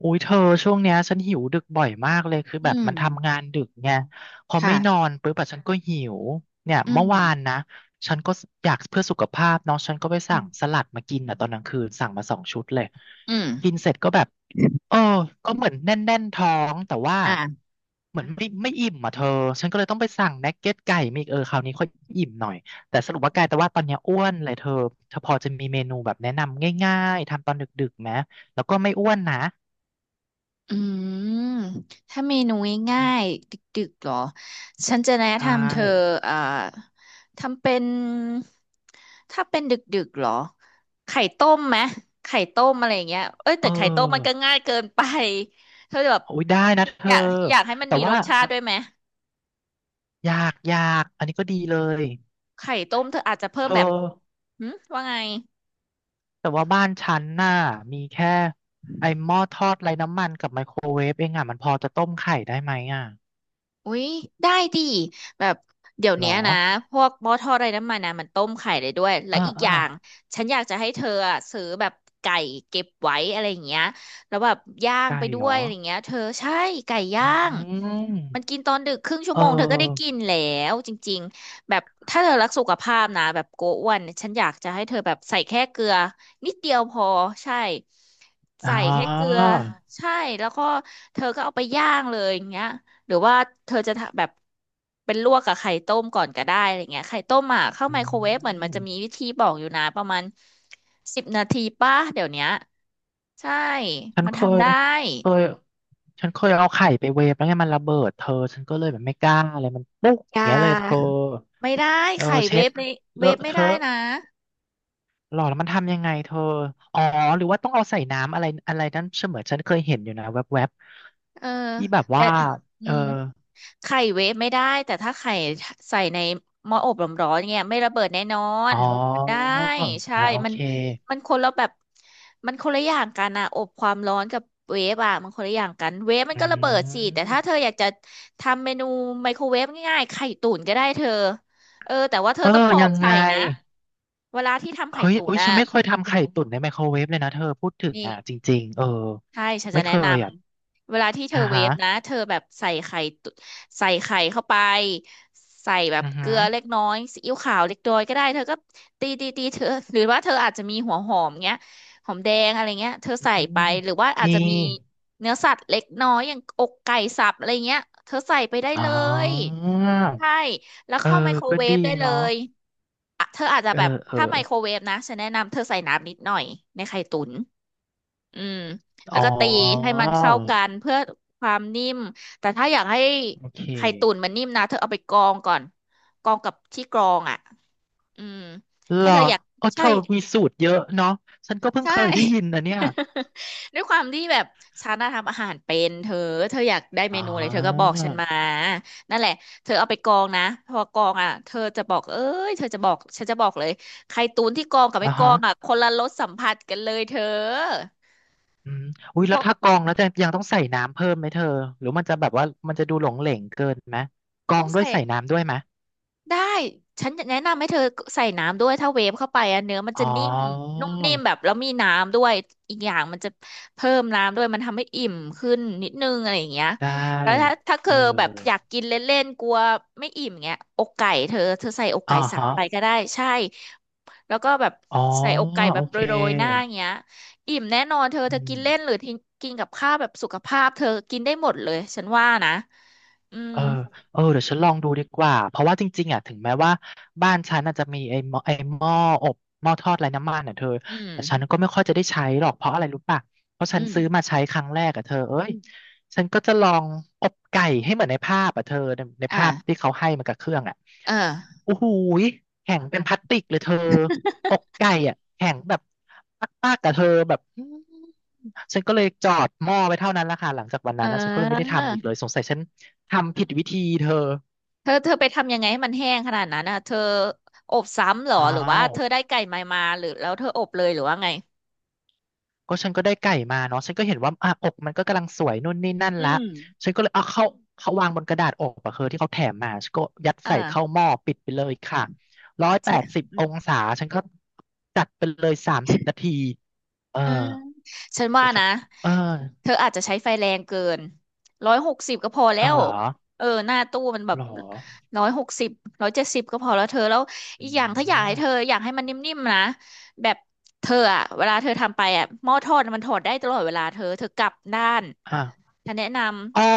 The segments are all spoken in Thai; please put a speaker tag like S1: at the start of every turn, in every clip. S1: อุ้ยเธอช่วงเนี้ยฉันหิวดึกบ่อยมากเลยคือ
S2: อื
S1: แบบมั
S2: ม
S1: นทำงานดึกไงพอไม่นอ
S2: ค่ะ
S1: นปุ๊บอะฉันก็หิวเนี่ย
S2: อื
S1: เมื่
S2: ม
S1: อวานนะฉันก็อยากเพื่อสุขภาพเนาะฉันก็ไป
S2: อื
S1: สั่งส
S2: ม
S1: ลัดมากินอ่ะตอนกลางคืนสั่งมาสองชุดเลย
S2: อื
S1: กิน
S2: ม
S1: เสร็จก็แบบเออก็เหมือนแน่นแน่นท้องแต่ว่า
S2: อ่า
S1: เหมือนไม่อิ่มอ่ะเธอฉันก็เลยต้องไปสั่งนักเก็ตไก่มาอีกเออคราวนี้ค่อยอิ่มหน่อยแต่สรุปว่ากลายแต่ว่าตอนเนี้ยอ้วนเลยเธอเธอพอจะมีเมนูแบบแนะนำง่ายๆทำตอนดึกๆไหมแล้วก็ไม่อ้วนนะ
S2: อืมถ้าเมนูง่ายๆดึกๆเหรอ ฉันจะแนะ
S1: ใช่
S2: นำเธออ่าทำเป็น ถ้าเป็นดึกๆเหรอ ไข่ต้มไหม ไข่ต้มอะไรอย่างเงี้ยเอ้ย
S1: เ
S2: แต่ไข่ต้มมันก็
S1: ออ
S2: ง่ายเกินไปเธอแบบ
S1: โอ้ยได้นะเธ
S2: อ
S1: อ
S2: ยากอยากให้มัน
S1: แต่
S2: มีร
S1: ว่า
S2: สชาติด้วยไหม
S1: ยากยากอันนี้ก็ดีเลย
S2: ไข่ต้มเธออาจจะเพิ่
S1: เธ
S2: ม
S1: อ
S2: แบบหืมว่าไง
S1: แต่ว่าบ้านฉันน่ะมีแค่ไอ้หม้อทอดไร้น้ำมันกับไมโครเวฟเองอ่ะมันพอจะต้มไข่ได้ไหมอ่ะ
S2: อุ๊ยได้ดิแบบเดี๋ยว
S1: หรอ
S2: เนี้ยนะพวกหม้อทอดไร้น้ำมันนะมันต้มไข่ได้ด้วยและ
S1: เออ
S2: อีก
S1: เอ
S2: อ
S1: อ
S2: ย่างฉันอยากจะให้เธออะซื้อแบบไก่เก็บไว้อะไรอย่างเงี้ยแล้วแบบย่าง
S1: ไก่
S2: ไปด้
S1: หร
S2: วย
S1: อ
S2: อะไรอย่างเงี้ยเธอใช่ไก่
S1: อื
S2: ย่าง
S1: ม
S2: มันกินตอนดึกครึ่งชั่
S1: เ
S2: วโมงเธอก็ได้กิ
S1: ออ
S2: นแล้วจริงๆแบบถ้าเธอรักสุขภาพนะแบบโกอ้วนฉันอยากจะให้เธอแบบใส่แค่เกลือนิดเดียวพอใช่
S1: อ๋อ
S2: ใส่แค่เกลือใช่แล้วก็เธอก็เอาไปย่างเลยอย่างเงี้ย หรือว่าเธอจะทำแบบเป็นลวกกับไข่ต้มก่อนก็ได้อะไรเงี้ยไข่ต้มอ่ะเข้า
S1: อื
S2: ไมโครเวฟเหมือนมัน
S1: ม
S2: จะมีวิธีบอกอยู่นะประมาณ10 นาทีป่ะเดี๋ยวเนี้ยใช่
S1: ฉัน
S2: มัน
S1: เค
S2: ทำ
S1: ย
S2: ได้
S1: เคยฉันเคยเอาไข่ไปเวฟแล้วไงมันระเบิดเธอฉันก็เลยแบบไม่กล้าอะไรมันปุ๊ก
S2: อ
S1: อย่า
S2: ย่า
S1: งเงี้ยเลยเธอ
S2: ไม่ได้
S1: เออ
S2: ไข่เว
S1: เช็ด
S2: ฟในเว
S1: เล
S2: ฟ
S1: อะ
S2: ไม่
S1: เท
S2: ได้
S1: อะ
S2: นะ
S1: หรอแล้วมันทำยังไงเธออ๋อหรือว่าต้องเอาใส่น้ำอะไรอะไรนั้นเสมือนฉันเคยเห็นอยู่นะแวบ
S2: เออ
S1: ๆที่แบบ
S2: แต่
S1: ว่า
S2: อื
S1: เออ
S2: ม ไข่เวฟไม่ได้แต่ถ้าไข่ใส่ในหม้ออบร้อนๆเนี่ยไม่ระเบิดแน่นอ
S1: อ๋
S2: น
S1: อ
S2: มันได้ใช่
S1: อ่าโอ
S2: มัน
S1: เค
S2: มันคนละแบบมันคนละอย่างกันอะอบความร้อนกับเวฟอะมันคนละอย่างกันเวฟมัน
S1: อื
S2: ก็ระเบิดสิแต่
S1: ม
S2: ถ้าเธออยากจะทำเมนูไมโครเวฟง่ายๆไข่ตุ๋นก็ได้เธอเออแต่ว่าเธ
S1: เอ
S2: อ
S1: อ
S2: ต้องปอ
S1: ยั
S2: ก
S1: งไง
S2: ไข่นะเวลาที่ทำไข่
S1: เฮ้ย
S2: ตุ๋
S1: อุ้
S2: น
S1: ย
S2: อะ
S1: ฉันไม่เคยทำไข่ตุ๋นในไมโครเวฟเลยนะเธอพูดถึง
S2: นี่
S1: อ่ะจริงๆเออ
S2: ใช่ฉันจะ
S1: ไม่เค
S2: แนะน
S1: ยอ่ะ
S2: ำเวลาที่เธอ
S1: อ่า
S2: เว
S1: ฮะ
S2: ฟนะเธอแบบใส่ไข่เข้าไปใส่แบบ
S1: อือ
S2: เก
S1: หื
S2: ลื
S1: อ
S2: อเล็กน้อยซีอิ๊วขาวเล็กน้อยก็ได้เธอก็ตีตีตีเธอหรือว่าเธออาจจะมีหัวหอมเงี้ยหอมแดงอะไรเงี้ยเธอ
S1: อื
S2: ใส่ไป
S1: ม
S2: หรือว่าอาจ
S1: มี
S2: จะมีเนื้อสัตว์เล็กน้อยอย่างอกไก่สับอะไรเงี้ยเธอใส่ไปได้
S1: อ๋
S2: เล
S1: อ
S2: ยใช่แล้ว
S1: เออ
S2: เข้าไมโคร
S1: ก็
S2: เว
S1: ดี
S2: ฟได้เล
S1: เนาะ
S2: ยอ่ะเธออาจจะ
S1: เออ
S2: แบบ
S1: เออ
S2: ถ้าไมโครเวฟนะฉันแนะนำเธอใส่น้ำนิดหน่อยในไข่ตุ๋น อืมแล้
S1: อ๋
S2: ว
S1: อ
S2: ก็ตีให้มันเข้ากันเพื่อความนิ่มแต่ถ้าอยากให้
S1: โอเค
S2: ไข่ตุ๋นมันนิ่มนะเธอเอาไปกรองก่อนกรองกับที่กรองอ่ะอืม
S1: เหร
S2: ถ้า
S1: อ
S2: เธออยาก
S1: เออเธ
S2: ใช่
S1: อมีสูตรเยอะเนาะฉันก็เพิ่ง
S2: ใช่
S1: เคยได้ยินนะเนี่ย
S2: ด้วยความที่แบบฉันน่ะทำอาหารเป็นเธอเธออยากได้เม
S1: อ๋
S2: นูอะไรเธอก็บอ
S1: อ
S2: กฉันมานั่นแหละเธอเอาไปกรองนะพอกรองอ่ะเธอจะบอกเอ้ยเธอจะบอกฉันจะบอกเลยไข่ตุ๋นที่กรองกับไม่
S1: อ่า
S2: กร
S1: ฮะ
S2: องอ่ะคนละรสสัมผัสกันเลยเธอ
S1: อืมอุ้ย
S2: เพ
S1: แล้ว
S2: ราะ
S1: ถ้ากรองแล้วจะยังต้องใส่น้ำเพิ่มไหมเธอหรือมันจะแบบว่ามันจะดูหลงเหลงเกินไหมกรอ
S2: ต้อ
S1: ง
S2: ง
S1: ด้วย
S2: ใส่
S1: ใส่น้ำด้วยไหม
S2: ได้ฉันจะแนะนำให้เธอใส่น้ำด้วยถ้าเวฟเข้าไปอะเนื้อมันจะ
S1: อ๋อ
S2: นิ่มนุ่มนิ่มแบบแล้วมีน้ำด้วยอีกอย่างมันจะเพิ่มน้ำด้วยมันทำให้อิ่มขึ้นนิดนึงอะไรอย่างเงี้ย
S1: ได้
S2: แล้วถ้าเธ
S1: เอ
S2: อ
S1: อ
S2: แบบอยากกินเล่นๆกลัวไม่อิ่มเงี้ยอกไก่เธอเธอใส่อก
S1: อ่า
S2: ไก่สับ
S1: ฮะ
S2: ไปก็ได้ใช่แล้วก็แบบ
S1: อ๋อ
S2: ใส่อกไก่แบ
S1: โอ
S2: บ
S1: เค
S2: โรยๆหน้าอย่างเงี้ยอิ่มแน่นอนเธอเธอ
S1: อื
S2: กิน
S1: ม
S2: เล่นหรือทิ้งกินกับข้าวแบบสุขภาพเธอกินได้หมดเลยฉันว่านะอืม
S1: เออเออเดี๋ยวฉันลองดูดีกว่าเพราะว่าจริงๆอ่ะถึงแม้ว่าบ้านฉันอาจจะมีไอ้หม้ออบหม้อทอดไร้น้ำมันอ่ะเธอ
S2: อืม
S1: แต่ฉันก็ไม่ค่อยจะได้ใช้หรอกเพราะอะไรรู้ป่ะเพราะฉัน
S2: อืม
S1: ซื้อมาใช้ครั้งแรกอ่ะเธอเอ้ยฉันก็จะลองอบไก่ให้เหมือนในภาพอ่ะเธอใน
S2: อ่า
S1: ภาพที่เขาให้มากับเครื่องอ่ะ
S2: เออ
S1: โอ้โหยแข็งเป็นพลาสติกเลยเธออกไก่อ่ะแข็งแบบมากๆกับเธอแบบ ฉันก็เลยจอดหม้อไปเท่านั้นแหละค่ะหลังจากวัน
S2: เอ
S1: นั้นนะฉันก็เลยไม่ได้
S2: อ
S1: ทำอีกเลยสงสัยฉันทำผิดวิธีเธอ
S2: เธอเธอไปทำยังไงให้มันแห้งขนาดนั้นอ่ะเธออบซ้ำเหรอ
S1: อ้า
S2: หรือว่า
S1: ว
S2: เธอได้ไก่ใหมามาหรือแล้วเธออบเลยหรือว่าไง
S1: ก็ฉันก็ได้ไก่มาเนาะฉันก็เห็นว่าอ่ะอกมันก็กำลังสวยนู่นนี่นั่น
S2: อื
S1: ละ
S2: ม
S1: ฉันก็เลยเอาเข้าเขาวางบนกระดาษอกอะเธอที่เขาแถมมาฉันก็ยัดใส่เข้า
S2: อ่า
S1: หม้อปิดไปเลยค่ะร้อยแป
S2: ใช่
S1: ดสิบ
S2: อื
S1: อ
S2: ม
S1: งศาฉันก็จัดไปเลย30 นาทีเออ
S2: อ่าฉันว่า
S1: ก็จะ
S2: นะ
S1: เออ
S2: เธออาจจะใช้ไฟแรงเกินร้อยหกสิบก็พอแล้
S1: เอา
S2: ว
S1: เหรอ
S2: เออหน้าตู้มันแบ
S1: ห
S2: บ
S1: รอ
S2: ร้อยหกสิบ170ก็พอแล้วเธอแล้วอี
S1: อื
S2: กอย่างถ้าอยากให้เธอ
S1: ม
S2: อยากให้มันนิ่มๆนะแบบเธออะเวลาเธอทำไปอะหม้อทอดมันถอดได้ตลอดเวลาเธอเธอกลับด้าน
S1: อ่ะ
S2: ฉันแนะนำ
S1: อ๋อ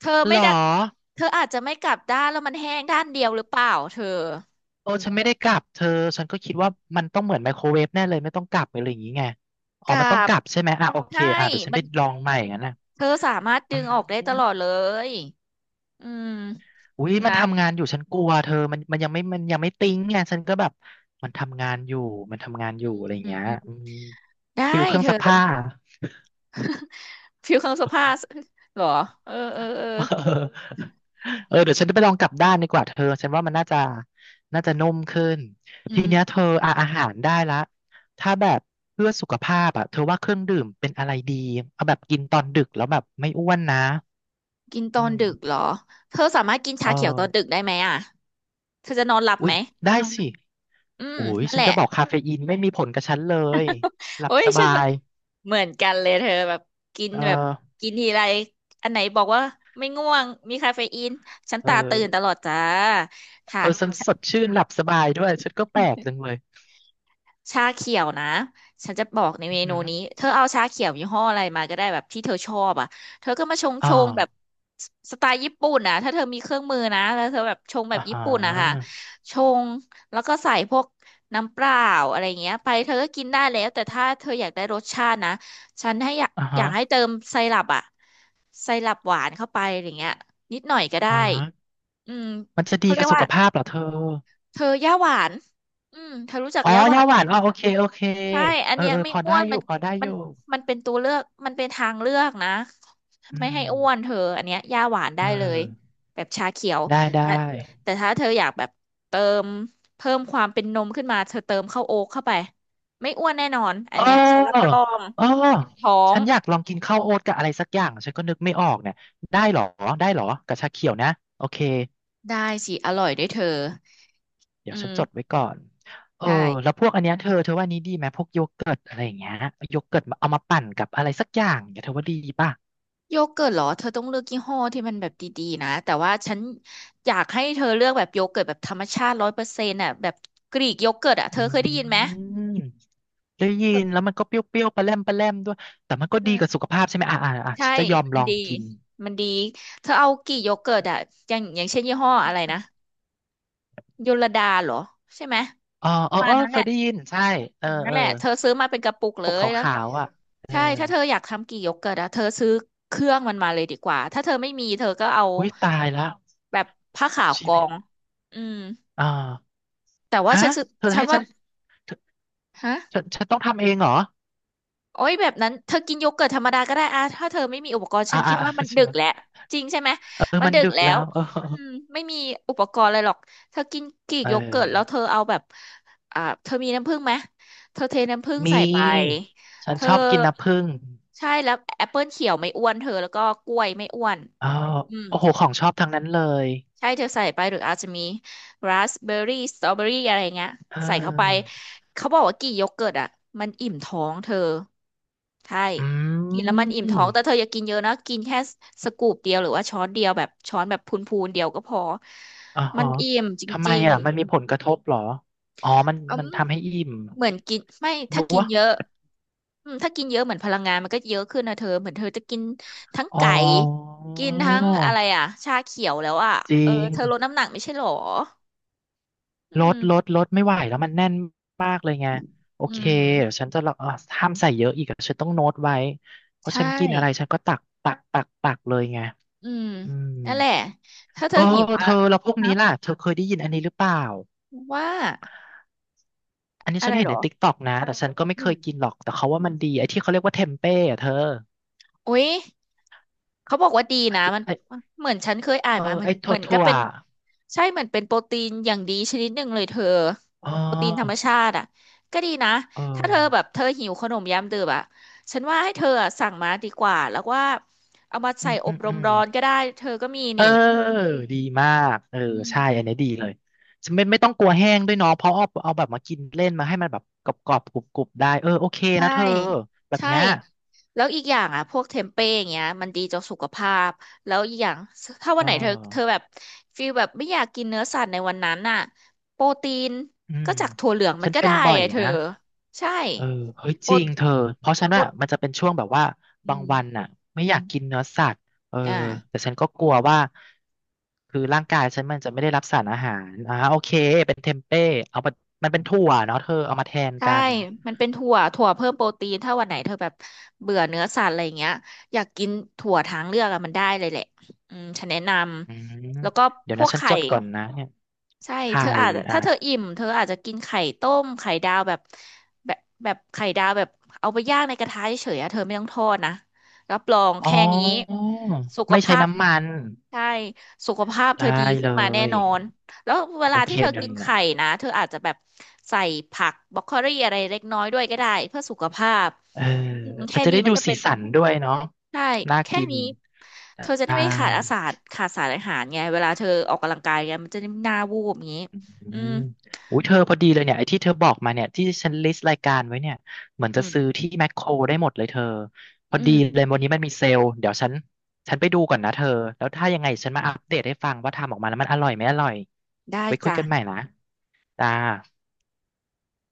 S2: เธอ
S1: เหร
S2: ไม่
S1: อ
S2: ได้เธออาจจะไม่กลับด้านแล้วมันแห้งด้านเดียวหรือเปล่าเธอ
S1: โอ้ฉันไม่ได้กลับเธอฉันก็คิดว่ามันต้องเหมือนไมโครเวฟแน่เลยไม่ต้องกลับอะไรอย่างงี้ไงอ๋
S2: ก
S1: อ
S2: ลั
S1: มันต้อง
S2: บ
S1: กลับใช่ไหมอ่ะโอเค
S2: ใช่
S1: อ่ะเดี๋ยวฉัน
S2: มั
S1: ไป
S2: น
S1: ลองใหม่งั้นนะ
S2: เธอสามารถ
S1: อื
S2: ดึงออกได้ต
S1: ม
S2: ลอดเลย อืม
S1: อุ้ยมัน
S2: นะ
S1: ทำงานอยู่ฉันกลัวเธอมันยังไม่ติ้งไงฉันก็แบบมันทำงานอยู่มันทำงานอ
S2: อืม
S1: ยู่อะไรอย่าง
S2: อืม
S1: เงี้ย
S2: อืม
S1: อืม
S2: ได้
S1: ฟิลเครื่อง
S2: เธอ
S1: ซักผ้า
S2: ฟิวเครื่องซักผ้าเห รอเออเออเออ
S1: เออเออเดี๋ยวฉันไปลองกลับด้านดีกว่าเธอฉันว่ามันน่าจะน่าจะนุ่มขึ้น
S2: อื
S1: ทีเนี้ยเธ
S2: ม
S1: ออ่ะอาหารได้ละถ้าแบบเพื่อสุขภาพอ่ะเธอว่าเครื่องดื่มเป็นอะไรดีเอาแบบกินตอนดึกแล้วแบบไม่อ้วนนะ
S2: กินต
S1: อื
S2: อนดึกเห
S1: ม
S2: รอ เธอสามารถกิน
S1: เอ
S2: ชา
S1: อ
S2: เขียวตอนดึกได้ไหมอ่ะ เธอจะนอนหลับ
S1: อุ๊
S2: ไห
S1: ย
S2: ม
S1: ได้สิ
S2: อืม
S1: โอ้ย
S2: นั่น
S1: ฉั
S2: แห
S1: น
S2: ละ
S1: จะบอกคาเฟอีนไม่มีผลกับฉันเลยหลั
S2: โอ้
S1: บ
S2: ย
S1: ส
S2: ฉั
S1: บา
S2: น
S1: ย
S2: เหมือนกันเลยเธอแบบกิน
S1: เออ
S2: แบบกินทีไรอันไหนบอกว่าไม่ง่วงมีคาเฟอีนฉัน
S1: เอ
S2: ตาตื่นต
S1: อ
S2: ลอดจ้า
S1: เอ
S2: ค่ะ
S1: อฉันสดชื่นหลับสบายด้วยฉันก็แปลกจังเลย
S2: ชาเขียวนะฉันจะบอกใน
S1: อื
S2: เม
S1: อหื
S2: นู
S1: อ
S2: นี้เธอเอาชาเขียวยี่ห้ออะไรมาก็ได้แบบที่เธอชอบอ่ะเธอก็มาชง
S1: อ่
S2: ชงแบบ
S1: า
S2: ไตล์ญี่ปุ่นนะถ้าเธอมีเครื่องมือนะแล้วเธอแบบชงแบบ
S1: อ่าฮ
S2: ญี่ปุ่นนะคะ
S1: ะ
S2: ชงแล้วก็ใส่พวกน้ำเปล่าอะไรเงี้ยไปเธอก็กินได้แล้วแต่ถ้าเธออยากได้รสชาตินะฉันให้
S1: อ่า
S2: อ
S1: ฮะ
S2: ยากให้เติมไซรัปอ่ะไซรัปหวานเข้าไปอะไรเงี้ยนิดหน่อยก็ได้
S1: อ่า
S2: อืม
S1: มันจะ
S2: เขา
S1: ดี
S2: เรี
S1: กั
S2: ย
S1: บ
S2: ก
S1: สุ
S2: ว่า
S1: ขภาพเหรอเธอ
S2: เธอย่าหวานอืมเธอรู้จัก
S1: อ๋อ
S2: ย่าหวา
S1: ยา
S2: น
S1: ห
S2: ไหม
S1: วานอ๋อโอเคโอเค
S2: ใช่อัน
S1: เออ
S2: เนี้ย
S1: เออ
S2: ไม่
S1: พอ
S2: อ้
S1: ได้
S2: วน
S1: อ
S2: มั
S1: ยู่
S2: น
S1: พอได้อ
S2: มัน
S1: ยู่
S2: มันเป็นตัวเลือก มันเป็นทางเลือกนะ
S1: อื
S2: ไม่ให้อ้วน
S1: ม
S2: เธออันเนี้ยย่าหวาน
S1: เอ
S2: ได้เลย
S1: อ
S2: แบบชาเขียว
S1: ได้ ได้
S2: แต่แต่ถ้าเธออยากแบบเติมเพิ่มความเป็นนมขึ้นมา เธอเติมข้าวโอ๊ตเข้าไป ไม่อ้วนแน่นอน อั
S1: เ
S2: นเนี้ยฉันรับร
S1: ออ
S2: อง
S1: เออ
S2: ท้อ
S1: ฉั
S2: ง
S1: นอยากลองกินข้าวโอ๊ตกับอะไรสักอย่างฉันก็นึกไม่ออกเนี่ยได้เหรอได้เหรอกับชาเขียวนะโอเค
S2: ได้สิอร่อยด้วยเธอ
S1: เดี๋
S2: อื
S1: ยวฉั
S2: ม
S1: นจดไว้ก่อนเออ
S2: ใช่
S1: แล้วพวกอันเนี้ยเธอเธอว่านี้ดีไหมพวกโยเกิร์ตอะไรอย่างเงี้ยโยเกิร์ตมาเอามาปั่นกับอะไรสักอย่างเนี่ยเธอว่าดีป่ะ
S2: โยเกิร์ตเหรอเธอต้องเลือกยี่ห้อที่มันแบบดีๆนะแต่ว่าฉันอยากให้เธอเลือกแบบโยเกิร์ตแบบธรรมชาติร้อยเปอร์เซ็นต์อ่ะแบบกรีกโยเกิร์ตอ่ะเธอ
S1: อื
S2: เคยได้ยินไหม
S1: ม ได้ยิ
S2: เอ
S1: นแล้
S2: อ
S1: วมันก็เปรี้ยวๆปลาแรมปลาแรมด้วยแต่มันก็ดีกับสุขภาพใช่ไหม
S2: ใช่
S1: ฉันจะยอม
S2: มั
S1: ล
S2: น
S1: อง
S2: ดี
S1: กิน
S2: มันดีเธอเอากี่โยเกิร์ตอ่ะอย่างเช่นยี่ห้ออะไรนะโยลดาเหรอใช่ไหม
S1: อ๋อ
S2: ป
S1: เอ
S2: ระ
S1: อ
S2: มา
S1: เอ
S2: ณ
S1: อ
S2: นั้น
S1: เค
S2: แหละ
S1: ยได้ยินใช่เอ
S2: อื
S1: อ
S2: มนั่
S1: เอ
S2: น
S1: อ
S2: แหละเธอซื้อมาเป็นกระปุกเล
S1: ปก
S2: ยแล้ว
S1: ขาวๆอ่ะเออ
S2: ใช่ถ้าเธออยากทำกี่โยเกิร์ตอ่ะเธอซื้อเครื่องมันมาเลยดีกว่าถ้าเธอไม่มีเธอก็เอา
S1: อุ้ยตายแล้ว
S2: แบบผ้าขาวก
S1: ชี
S2: อ
S1: วิต
S2: งอืม
S1: อ่า
S2: แต่ว่า
S1: ฮะ
S2: ฉันสึก
S1: เธอ
S2: ฉัน
S1: ให้ฉั
S2: ว่า
S1: นเธอฉั
S2: ฮะ
S1: นฉันต้องทำเองเหรอ
S2: โอ้ยแบบนั้นเธอกินโยเกิร์ตธรรมดาก็ได้อะถ้าเธอไม่มีอุปกรณ์ฉั
S1: อ่า
S2: นคิ
S1: อ่า
S2: ดว่ามัน
S1: ใช่
S2: ดึ
S1: ไห
S2: ก
S1: ม
S2: แหละจริงใช่ไหม
S1: เออ
S2: มัน
S1: มัน
S2: ดึก
S1: ดึก
S2: แล้
S1: แล้
S2: ว
S1: วเออ
S2: อืมไม่มีอุปกรณ์อะไรหรอกเธอกินกรีก
S1: เอ
S2: โยเกิร์ตแล้วเธ
S1: อ
S2: อเอาแบบเธอมีน้ำผึ้งไหมเธอเทน้ำผึ้งใส่
S1: มี
S2: ไป
S1: ฉั
S2: เธ
S1: น
S2: อ
S1: ชอบกินน้ำผึ้ง
S2: ใช่แล้วแอปเปิลเขียวไม่อ้วนเธอแล้วก็กล้วยไม่อ้วน
S1: อ๋อ
S2: อืม
S1: โอ้โหของชอบทั้งนั้นเลย
S2: ใช่ เธอใส่ไปหรืออาจจะมีราสเบอร์รี่สตรอเบอรี่อะไรเงี้ย
S1: เ
S2: ใส่เข้าไป
S1: ออ
S2: เขาบอกว่ากี่โยเกิร์ตอ่ะมันอิ่มท้องเธอ ใช่
S1: อื
S2: กินแล้วมันอิ่มท้อง
S1: ม
S2: แต่เธออย่ากินเยอะนะกินแค่สกูปเดียวหรือว่าช้อนเดียวแบบช้อนแบบพูนๆเดียวก็พอ
S1: อ๋อ
S2: มั
S1: ฮะ
S2: นอิ่มจ
S1: ทำไม
S2: ริง
S1: อ่ะมันมีผลกระทบเหรออ๋อมัน
S2: ๆอื
S1: มัน
S2: ม
S1: ทำให้อิ่ม
S2: เหมือนกินไม่
S1: นึ
S2: ถ้า
S1: ก
S2: กิน
S1: ว่า
S2: เยอะอืมถ้ากินเยอะเหมือนพลังงานมันก็เยอะขึ้นนะเธอเหมือนเธอจะกินทั้ง
S1: อ๋อ
S2: ไก่กินทั้งอะไรอ่ะชาเขียวแล้วอ่ะ
S1: จริ
S2: เออ
S1: ง
S2: เธอลดน้ำหนักไม่ใช่หรอ อื
S1: ล
S2: ม
S1: ดลดลดไม่ไหวแล้วมันแน่นมากเลยไงโอ
S2: อื
S1: เค
S2: ม
S1: เดี๋ยวฉันจะลองห้ามใส่เยอะอีกอะฉันต้องโน้ตไว้เพราะ
S2: ใช่
S1: ฉันกินอะไรฉันก็ตักตักตักตักเลยไง
S2: อืม
S1: อืม
S2: นั่นแหละถ้าเธ
S1: เอ
S2: อหิว
S1: อ
S2: อะ
S1: เธอแล้วพวก
S2: นะ
S1: นี้ล่ะเธอเคยได้ยินอันนี้หรือเปล่า
S2: ว่า
S1: อันนี้
S2: อะ
S1: ฉั
S2: ไร
S1: นเห็
S2: เห
S1: น
S2: ร
S1: ใน
S2: อ
S1: ติ๊กต็อกนะ แต่ฉันก็ไม่
S2: อื
S1: เค
S2: ม
S1: ยกินหรอกแต่เขาว่ามันดีไอ้ที่เขาเรียกว่าเทมเป้อะเธอ
S2: อุ๊ยเขาบอกว่าดี
S1: ไอ้
S2: นะ
S1: ที่
S2: มัน
S1: ไอ้
S2: เหมือนฉันเคยอ่าน
S1: เอ
S2: มา
S1: อ
S2: เหมือ
S1: ไอ้
S2: นเห
S1: ถั่
S2: มื
S1: ว
S2: อนก็
S1: ถั่ว
S2: เป็นใช่เหมือนเป็นโปรตีนอย่างดีชนิดหนึ่งเลยเธอ
S1: อ๋อ
S2: โปรตีนธรรมชาติอะก็ดีนะ
S1: เอ
S2: ถ้าเธอแบบ
S1: อ
S2: เธอหิวขนมยามดึกอะฉันว่าให้เธออะสั่งมาดีกว่าแล้วว่าเอามา
S1: อื
S2: ใส่
S1: ม
S2: อ
S1: อื
S2: บ
S1: ม
S2: ร
S1: อื
S2: ม
S1: ม
S2: ร้อนก็ได้เธอก็มี
S1: เออ
S2: นี่
S1: ดีมากเออ
S2: อื
S1: ใช่
S2: ม
S1: อันนี้ดีเลยจะไม่ต้องกลัวแห้งด้วยเนาะเพราะเอาแบบมากินเล่นมาให้มันแบบกรอบกรอบกรุบกรุบได้เออโอเค
S2: ใช่
S1: นะเธอแบบ
S2: ใช่
S1: เนี้ย
S2: แล้วอีกอย่างอ่ะพวกเทมเป้อย่างเงี้ยมันดีต่อสุขภาพแล้วอีกอย่างถ้า
S1: เอ
S2: วันไหนเธอ
S1: อ
S2: แบบฟีลแบบไม่อยากกินเนื้อสัตว์ในวันนั้นน่ะโปรตีน
S1: อื
S2: ก็
S1: ม
S2: จากถั่วเหลืองมั
S1: ฉั
S2: น
S1: น
S2: ก็
S1: เป็
S2: ได้
S1: นบ่อ
S2: ไง
S1: ย
S2: เธอ
S1: นะ
S2: ใช่
S1: เออเฮ้ย
S2: โป
S1: จ
S2: ร
S1: ริงเธอเพราะฉัน
S2: โปร
S1: ว่ามันจะเป็นช่วงแบบว่า
S2: อื
S1: บาง
S2: ม
S1: วันน่ะไม่อยากกินเนื้อสัตว์เออ
S2: อ่า
S1: แต่ฉันก็กลัวว่าคือร่างกายฉันมันจะไม่ได้รับสารอาหารโอเคเป็นเทมเป้เอามามันเป็นถั่วเนาะเธอเอามาแทน
S2: ใช่
S1: กัน
S2: มันเป็นถั่วเพิ่มโปรตีนถ้าวันไหนเธอแบบเบื่อเนื้อสัตว์อะไรอย่างเงี้ยอยากกินถั่วทางเลือกอะมันได้เลยแหละอืมฉันแนะน
S1: อืม
S2: ำแล้วก็
S1: เดี๋ย
S2: พ
S1: ว
S2: ว
S1: นะ
S2: ก
S1: ฉัน
S2: ไข่
S1: จดก่อนนะเนี่ย
S2: ใช่
S1: ไข่
S2: เธออาจจะ
S1: อ่ะ
S2: ถ้าเธออิ่มเธออาจจะกินไข่ต้มไข่ดาวแบบแบบแบบไข่ดาวแบบเอาไปย่างในกระทะเฉยๆอะเธอไม่ต้องทอดนะรับรอง
S1: อ๋
S2: แค่นี้
S1: อ
S2: สุข
S1: ไม่ใช้
S2: ภาพ
S1: น้ำมัน
S2: ใช่สุขภาพเธ
S1: ได้
S2: อดี
S1: เล
S2: ขึ้นมาแน่
S1: ย
S2: นอนแล้วเว
S1: โอ
S2: ลา
S1: เค
S2: ที่เธอ
S1: เดี๋ย
S2: กิ
S1: ว
S2: น
S1: นะ
S2: ไข่นะเธออาจจะแบบใส่ผักบรอกโคลีอะไรเล็กน้อยด้วยก็ได้เพื่อสุขภาพ
S1: เออ
S2: อืม
S1: อา
S2: แค่
S1: จจะ
S2: นี้
S1: ได้
S2: มัน
S1: ดู
S2: ก็
S1: สี
S2: เป็น
S1: สันด้วยเนาะ
S2: ใช่
S1: น่า
S2: แค่
S1: กิน
S2: นี้เธอจะได้
S1: ได้
S2: ไม่ขาดสารอาหารไงเวลาเธอออกกำลังกายไงมันจะได้ไม่หน้าวูบอย่างนี้
S1: อื
S2: อืม
S1: มอุ้ยเธอพอดีเลยเนี่ยไอ้ที่เธอบอกมาเนี่ยที่ฉันลิสต์รายการไว้เนี่ยเหมือน
S2: อื
S1: จะ
S2: ม
S1: ซื้อที่แมคโครได้หมดเลยเธอพอ
S2: อื
S1: ดี
S2: ม
S1: เลยวันนี้มันมีเซลล์เดี๋ยวฉันไปดูก่อนนะเธอแล้วถ้ายังไงฉันมาอัปเดตให้ฟังว่าทำออกมาแล้วมันอร่อยไม่อร่อย
S2: ได้
S1: ไว้คุย
S2: จ้ะ
S1: กันใหม่นะจ้า